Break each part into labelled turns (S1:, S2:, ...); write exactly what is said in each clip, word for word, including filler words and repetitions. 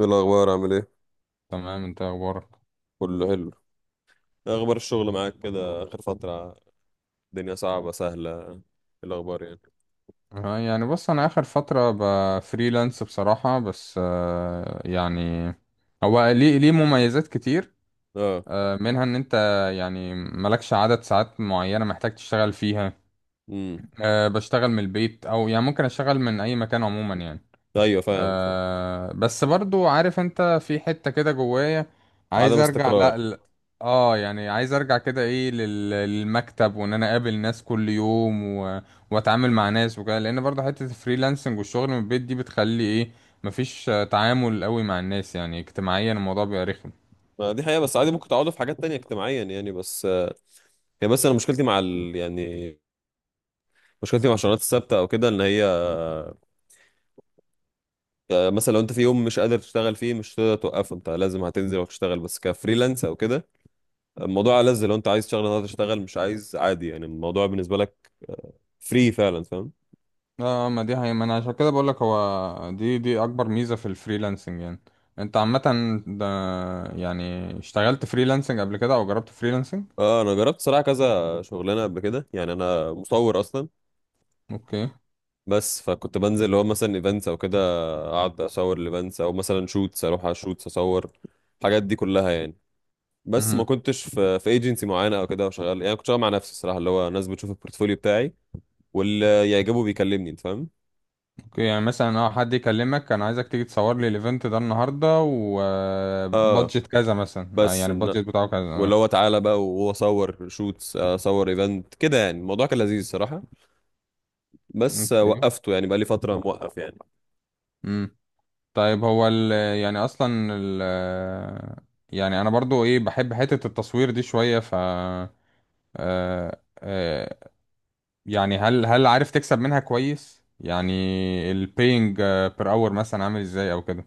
S1: ايه الاخبار؟ عامل ايه؟
S2: تمام، انت ايه اخبارك؟
S1: كله حلو. إيه اخبار الشغل معاك كده اخر فتره؟ الدنيا صعبه سهله إيه؟ الاخبار يعني.
S2: آه، يعني بص، انا اخر فتره بفريلانس بصراحه، بس آه، يعني هو ليه ليه مميزات كتير.
S1: اه.
S2: آه، منها ان انت يعني مالكش عدد ساعات معينه محتاج تشتغل فيها.
S1: امم.
S2: آه، بشتغل من البيت او يعني ممكن اشتغل من اي مكان عموما يعني.
S1: ايوه، فاهم فاهم.
S2: آه بس برضو، عارف انت في حتة كده جوايا
S1: عدم
S2: عايز ارجع، لا
S1: استقرار.
S2: ل... اه يعني عايز ارجع كده ايه لل... للمكتب، وان انا اقابل ناس كل يوم و... واتعامل مع ناس وكده، لان برضو حتة الفريلانسنج والشغل من البيت دي بتخلي ايه، مفيش آه، تعامل قوي مع الناس، يعني اجتماعيا الموضوع بيبقى رخم.
S1: ما دي حقيقه، بس عادي، ممكن تعوضه في حاجات تانية اجتماعيا يعني بس. آه، هي، بس انا مشكلتي مع ال... يعني مشكلتي مع الشغلانات الثابته او كده ان هي. آه، مثلا لو انت في يوم مش قادر تشتغل فيه، مش هتقدر توقفه، انت لازم هتنزل وتشتغل، بس كفريلانس او كده الموضوع ألذ. لو انت عايز تشتغل النهارده تشتغل، مش عايز عادي، يعني الموضوع بالنسبه لك فري فعلا، فاهم.
S2: اه ما دي هي، ما انا عشان كده بقولك هو دي دي اكبر ميزة في الفريلانسنج يعني. انت عامة ده، يعني اشتغلت فريلانسنج قبل كده او جربت فريلانسنج؟
S1: اه، انا جربت صراحه كذا شغلانه قبل كده، يعني انا مصور اصلا.
S2: اوكي.
S1: بس فكنت بنزل اللي هو مثلا ايفنتس او كده، اقعد اصور الايفنتس، او مثلا شوتس، اروح على شوتس اصور الحاجات دي كلها يعني. بس ما
S2: مهم.
S1: كنتش في في ايجنسي معينه او كده وشغال، يعني كنت شغال مع نفسي الصراحه، اللي هو ناس بتشوف البورتفوليو بتاعي واللي يعجبه بيكلمني، انت فاهم.
S2: اوكي، يعني مثلا اه حد يكلمك انا عايزك تيجي تصور لي الايفنت ده النهارده،
S1: اه،
S2: وبادجت كذا مثلا، آه،
S1: بس
S2: يعني
S1: إن...
S2: البادجت بتاعه كذا
S1: واللي
S2: اه
S1: هو تعالى بقى وهو صور شوتس اصور ايفنت كده، يعني الموضوع كان لذيذ الصراحه. بس آه،
S2: اوكي.
S1: وقفته يعني، بقى لي فتره موقف يعني.
S2: امم طيب، هو ال يعني اصلا ال يعني انا برضو ايه بحب حتة التصوير دي شوية، ف آه، آه، يعني هل هل عارف تكسب منها كويس يعني؟ البينج بير اور مثلا عامل ازاي او كده؟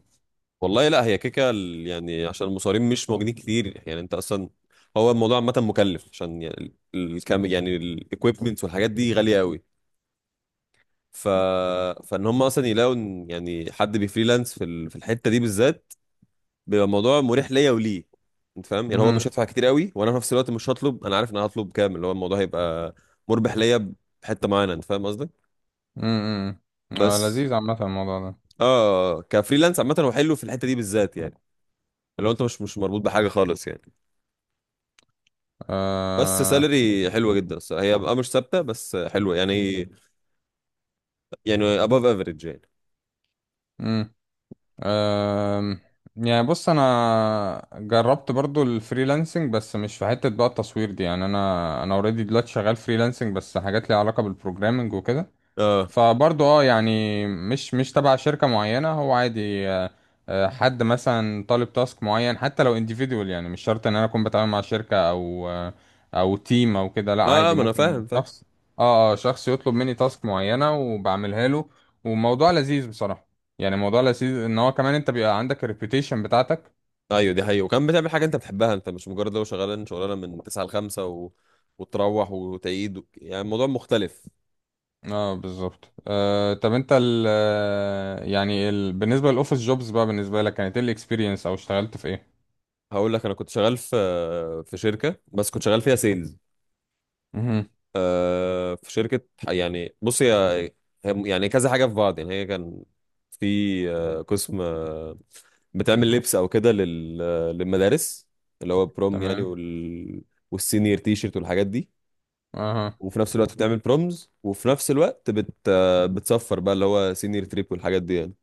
S1: والله لا، هي كيكه ال- يعني عشان المصارين مش موجودين كتير، يعني انت اصلا. هو الموضوع عامه مكلف، عشان يعني ال- الكام، يعني الايكويبمنتس والحاجات دي غاليه قوي. ف فان هم مثلا يلاقوا إن يعني حد بيفريلانس في ال- في الحته دي بالذات، بيبقى الموضوع مريح ليا وليه، انت فاهم. يعني هو مش
S2: امم
S1: هيدفع كتير قوي، وانا في نفس الوقت مش هطلب، انا عارف ان انا هطلب كام، اللي هو الموضوع هيبقى مربح ليا بحته معينه، انت فاهم قصدي،
S2: امم آه،
S1: بس.
S2: لذيذ عامة الموضوع ده.
S1: اه كفريلانس عامه هو حلو في الحته دي بالذات يعني، لو انت مش مش مربوط بحاجه خالص يعني. بس
S2: آه،
S1: سالري حلوه جدا الصراحه، هي بقى مش ثابته بس حلوه يعني يعني above average يعني.
S2: مم. أم، يعني بص، انا جربت برضو الفريلانسنج بس مش في حتة بقى التصوير دي، يعني انا انا اوريدي دلوقتي شغال فريلانسنج بس حاجات ليها علاقة بالبروجرامنج وكده.
S1: اه،
S2: فبرضه، اه يعني مش مش تبع شركة معينة، هو عادي. آه، آه، حد مثلا طالب تاسك معين، حتى لو individual، يعني مش شرط ان انا اكون بتعامل مع شركة او آه، او تيم او كده، لا
S1: اه،
S2: عادي
S1: ما انا
S2: ممكن
S1: فاهم فاهم.
S2: شخص، اه، اه، شخص يطلب مني تاسك معينة وبعملها له. وموضوع لذيذ بصراحة، يعني موضوع لذيذ ان هو كمان انت بيبقى عندك الريبيوتيشن بتاعتك.
S1: ايوه دي حقيقة، وكمان بتعمل حاجه انت بتحبها، انت مش مجرد لو شغال شغلانه من تسعة ل الخمسة و... وتروح وتعيد و... يعني الموضوع مختلف.
S2: اه بالظبط. آه طب انت ال آه، يعني ال بالنسبة للاوفيس جوبز بقى، بالنسبة لك كانت ايه الاكسبيرينس او اشتغلت في ايه؟
S1: هقول لك، انا كنت شغال في في شركه، بس كنت شغال فيها سيلز.
S2: مهم.
S1: آه في شركة، يعني بص، هي هي- يعني كذا حاجة في بعض، يعني هي كان في آه قسم آه بتعمل لبس أو كده لل- آه، للمدارس، اللي هو بروم يعني،
S2: تمام.
S1: وال والسينيور تي شيرت والحاجات دي،
S2: اها.
S1: وفي نفس الوقت بتعمل برومز، وفي نفس الوقت بت آه، بتصفر بقى اللي هو سينيور تريب والحاجات دي يعني.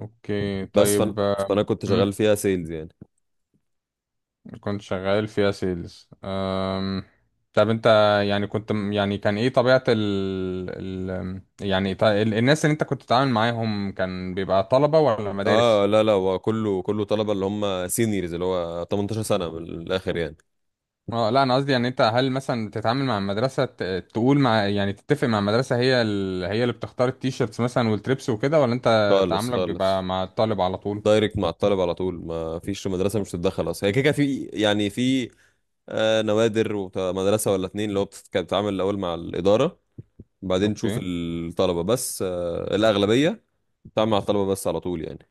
S2: اوكي،
S1: بس فانا
S2: طيب. آم،
S1: فانا كنت شغال
S2: مم،
S1: فيها سيلز يعني.
S2: كنت شغال فيها سيلز. أم. طب انت، يعني كنت، يعني كان ايه طبيعة ال، ال... يعني ط- ال... الناس اللي انت كنت بتتعامل معاهم كان بيبقى طلبة ولا مدارس؟
S1: اه، لا لا، هو كله كله طلبة اللي هم سينيورز، اللي هو تمنتاشر سنة من الآخر يعني.
S2: اه لا، انا قصدي يعني انت هل مثلا تتعامل مع المدرسة، ت... تقول مع يعني تتفق مع المدرسة، هي ال... هي اللي بتختار التيشيرتس مثلا والتريبس وكده، ولا انت
S1: خالص
S2: تعاملك بيبقى
S1: خالص،
S2: مع الطالب على طول؟
S1: دايركت مع الطالب على طول، ما فيش مدرسه مش تتدخل اصلا، هي كده كده. في يعني في آه، نوادر ومدرسه ولا اتنين، اللي هو بتت- كانت بتتعامل الاول مع الاداره، بعدين تشوف
S2: اوكي.
S1: الطلبه. بس آه، الاغلبيه بتتعامل مع الطلبه بس على طول يعني.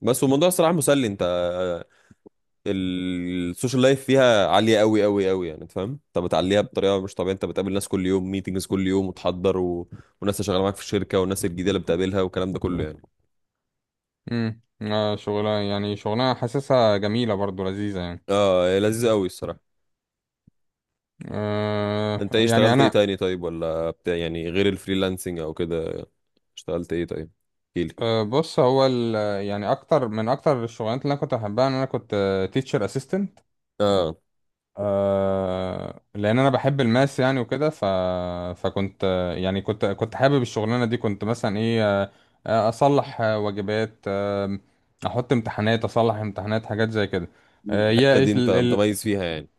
S1: بس والموضوع الصراحه مسلي، انت. آه، السوشيال لايف فيها عاليه قوي قوي قوي، يعني انت فاهم، انت بتعليها بطريقه مش طبيعيه، انت بتقابل ناس كل يوم، ميتنجز كل يوم، وتحضر و... والناس اللي شغاله معاك في الشركه، والناس الجديده اللي بتقابلها والكلام ده كله يعني.
S2: امم آه شغلها، يعني شغلها حاسسها جميلة، برضو لذيذة يعني.
S1: اه لذيذ قوي الصراحه.
S2: آه
S1: انت ايه
S2: يعني
S1: اشتغلت ايه
S2: انا
S1: تاني طيب، ولا بتاع يعني غير الفريلانسنج او كده؟ اشتغلت ايه طيب، احكيلي.
S2: آه بص، هو ال- يعني اكتر من اكتر الشغلانات اللي انا كنت بحبها ان انا كنت تيتشر اسيستنت.
S1: اه،
S2: آه لان انا بحب الماس يعني وكده، ف فكنت آه، يعني كنت كنت حابب الشغلانة دي. كنت مثلا ايه، آه آه، اصلح آه، واجبات، آه احط امتحانات، اصلح امتحانات، حاجات زي كده. آه،
S1: الحته
S2: هي
S1: دي انت متميز فيها يعني.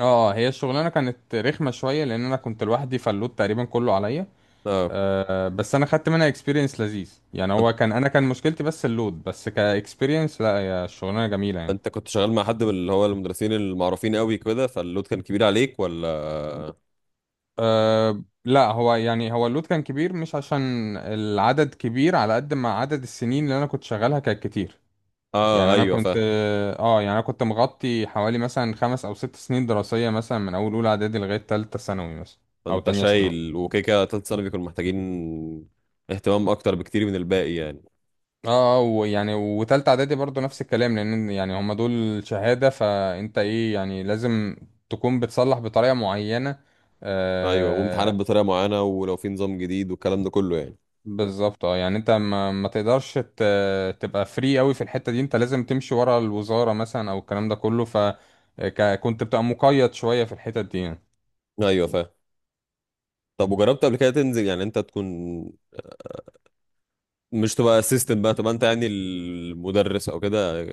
S2: اه هي الشغلانه كانت رخمه شويه لان انا كنت لوحدي، فاللود تقريبا كله عليا.
S1: اه
S2: آه بس انا خدت منها اكسبيرينس لذيذ، يعني
S1: انت
S2: هو كان انا، كان مشكلتي بس اللود، بس كاكسبيرينس لا، هي الشغلانه جميله يعني.
S1: انت كنت شغال مع حد من اللي هو المدرسين المعروفين قوي كده، فاللود كان كبير عليك، ولا؟
S2: آه لا، هو يعني هو اللود كان كبير مش عشان العدد كبير، على قد ما عدد السنين اللي انا كنت شغالها كانت كتير.
S1: اه،
S2: يعني انا
S1: ايوه
S2: كنت
S1: فاهم.
S2: اه يعني انا كنت مغطي حوالي مثلا خمس او ست سنين دراسيه، مثلا من اول اولى اعدادي لغايه ثالثه ثانوي مثلا، او
S1: فانت
S2: تانية ثانوي.
S1: شايل، وكيكه تالت سنه بيكونوا محتاجين اهتمام اكتر بكتير من الباقي يعني.
S2: اه، ويعني وتالتة اعدادي برضو نفس الكلام، لان يعني هما دول شهادة، فانت ايه يعني لازم تكون بتصلح بطريقة معينة
S1: ايوه وامتحانات
S2: آه
S1: بطريقه معينه، ولو في نظام جديد والكلام ده كله يعني.
S2: بالظبط. اه يعني انت ما, ما تقدرش ت- تبقى فري قوي في الحتة دي، انت لازم تمشي ورا الوزارة مثلا او الكلام ده كله، فكنت بتبقى مقيد شوية في الحتة دي يعني.
S1: ايوه فاهم. طب وجربت قبل كده تنزل يعني، انت تكون مش تبقى اسيستنت بقى، تبقى انت يعني المدرس او كده،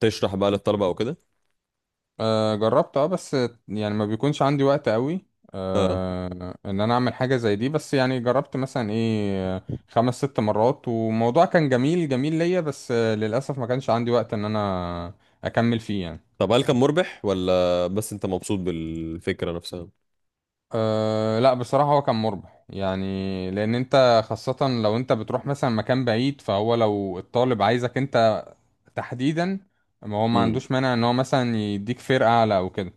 S1: تشرح بقى للطلبه او كده؟
S2: آه جربت، اه، بس يعني ما بيكونش عندي وقت قوي
S1: اه.
S2: آه ان انا اعمل حاجة زي دي، بس يعني جربت مثلا ايه آه، خمس ست مرات، والموضوع كان جميل جميل ليا، بس آه للأسف ما كانش عندي وقت ان انا اكمل فيه يعني.
S1: طب هل كان مربح، ولا بس انت مبسوط بالفكره نفسها؟
S2: أه لا، بصراحة هو كان مربح يعني، لأن أنت خاصة لو أنت بتروح مثلا مكان بعيد، فهو لو الطالب عايزك أنت تحديدا، ما هو ما
S1: امم.
S2: عندوش مانع إن هو مثلا يديك فرقة أعلى أو كده.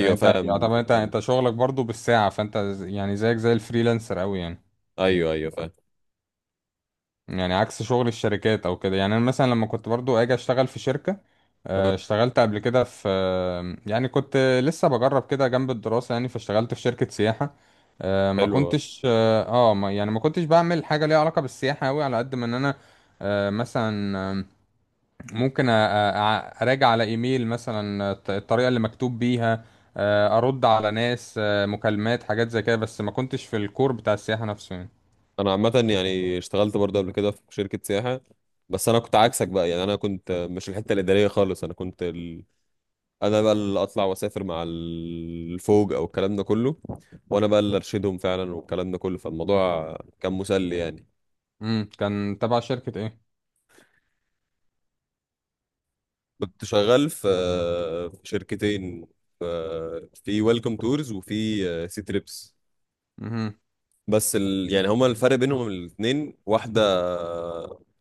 S2: يعني انت
S1: فاهم
S2: يعتبر، انت
S1: الفكره دي.
S2: انت شغلك برضو بالساعة، فانت، ز- يعني زيك زي الفريلانسر قوي يعني.
S1: ايوه ايوه فاهم.
S2: يعني عكس شغل الشركات او كده. يعني انا مثلا لما كنت برضو اجي اشتغل في شركة، آه،
S1: اه
S2: اشتغلت قبل كده في، آه، يعني كنت لسه بجرب كده جنب الدراسة يعني، فاشتغلت في شركة سياحة. آه، ما
S1: حلو.
S2: كنتش اه آه، ما يعني ما كنتش بعمل حاجة ليها علاقة بالسياحة قوي، على قد ما ان انا آه، مثلا ممكن أ- أ- اراجع على ايميل مثلا الط- الطريقه اللي مكتوب بيها، آه، ارد على ناس، آه، مكالمات، حاجات زي كده، بس ما كنتش في الكور بتاع السياحه نفسه يعني.
S1: انا عامه يعني اشتغلت برضه قبل كده في شركه سياحه، بس انا كنت عكسك بقى، يعني انا كنت مش الحته الاداريه خالص، انا كنت ال... انا بقى اللي اطلع واسافر مع الفوج او الكلام ده كله، وانا بقى اللي ارشدهم فعلا والكلام ده كله، فالموضوع كان مسلي يعني.
S2: امم كان تبع شركه ايه؟
S1: كنت شغال في في شركتين، في في ويلكم تورز وفي سي تريبس.
S2: امم.
S1: بس ال... يعني هما الفرق بينهم الاثنين واحدة،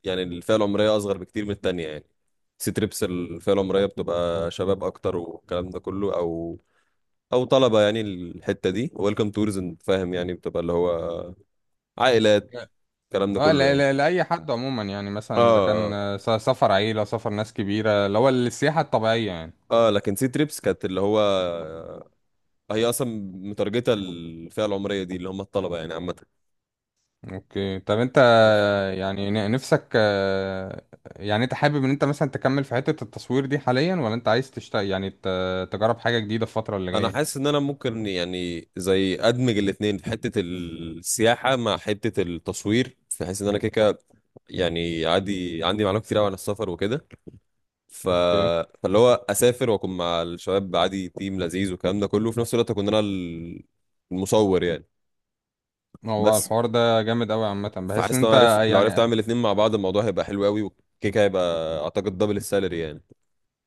S1: يعني الفئة العمرية أصغر بكتير من التانية يعني. سي تريبس الفئة العمرية بتبقى شباب أكتر والكلام ده كله، أو أو طلبة يعني. الحتة دي ويلكم تورز، أنت فاهم يعني، بتبقى اللي هو عائلات الكلام ده
S2: اه
S1: كله
S2: لا،
S1: يعني.
S2: لا، لاي حد عموما، يعني مثلا اذا
S1: اه
S2: كان
S1: اه.
S2: آه، س- سفر عيله، سفر ناس كبيره، اللي هو السياحه الطبيعيه يعني.
S1: آه، لكن سي تريبس كانت اللي هو هي اصلا مترجته الفئه العمريه دي، اللي هم الطلبه يعني عامه.
S2: اوكي، طب انت،
S1: بس
S2: يعني ن- نفسك، آه، يعني انت حابب ان انت مثلا تكمل في حته التصوير دي حاليا، ولا انت عايز تشتغل يعني ت- تجرب حاجه جديده في الفتره اللي
S1: انا حاسس
S2: جايه؟
S1: ان انا ممكن يعني زي ادمج الاثنين، في حته السياحه مع حته التصوير، في حيث ان انا كده كده يعني عادي عندي معلومات كتير قوي عن السفر وكده. ف...
S2: اوكي.
S1: فاللي هو اسافر واكون مع الشباب، عادي تيم لذيذ والكلام ده كله، وفي نفس الوقت اكون انا ال- المصور يعني.
S2: هو
S1: بس
S2: الحوار ده جامد قوي عامه، بحس ان
S1: فحاسس لو
S2: انت،
S1: عرفت لو عرفت
S2: يعني،
S1: اعمل الاثنين مع بعض، الموضوع هيبقى حلو قوي، وكيكه هيبقى اعتقد دبل السالري يعني.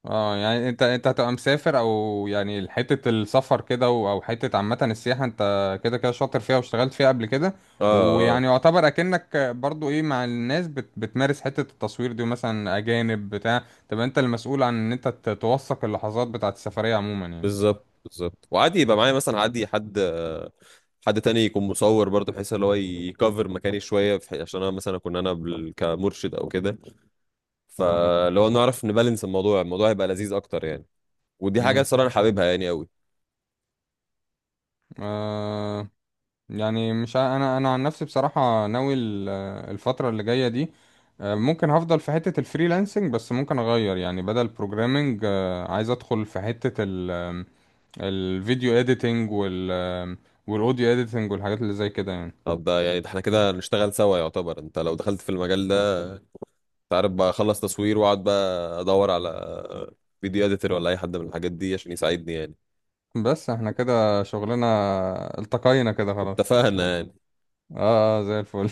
S2: اه يعني انت انت هتبقى مسافر، او يعني حته السفر كده، و- او حته عامه السياحه، انت كده كده شاطر فيها واشتغلت فيها قبل كده،
S1: اه. آه.
S2: ويعني يعتبر اكنك برضو ايه مع الناس، بت بتمارس حته التصوير دي، مثلا اجانب بتاع، تبقى انت المسؤول عن ان انت ت- توثق اللحظات بتاعه السفريه عموما يعني.
S1: بالظبط بالظبط، وعادي يبقى معايا مثلا عادي حد آه، حد تاني يكون مصور برضه، بحيث اللي هو يكفر مكاني شويه في حي- عشان انا مثلا اكون انا بال- كمرشد او كده.
S2: اوكي.
S1: فلو نعرف نبالانس الموضوع، الموضوع هيبقى لذيذ اكتر يعني. ودي حاجه الصراحه انا حاببها يعني قوي.
S2: امم يعني مش، ع- انا انا عن نفسي بصراحه ناوي ال- الفتره اللي جايه دي، آه، ممكن هفضل في حته الفريلانسنج، بس ممكن اغير، يعني بدل بروجرامنج عايز ادخل في حته ال- آم، الفيديو اديتنج، وال آم، والاوديو اديتنج، والحاجات اللي زي كده يعني.
S1: طب ده، يعني ده احنا كده نشتغل سوا يعتبر. انت لو دخلت في المجال ده، انت عارف بقى، اخلص تصوير واقعد بقى ادور على فيديو اديتور ولا اي حد من الحاجات دي عشان يساعدني يعني.
S2: بس احنا كده شغلنا التقينا كده خلاص.
S1: اتفقنا يعني.
S2: اه. آه، زي الفل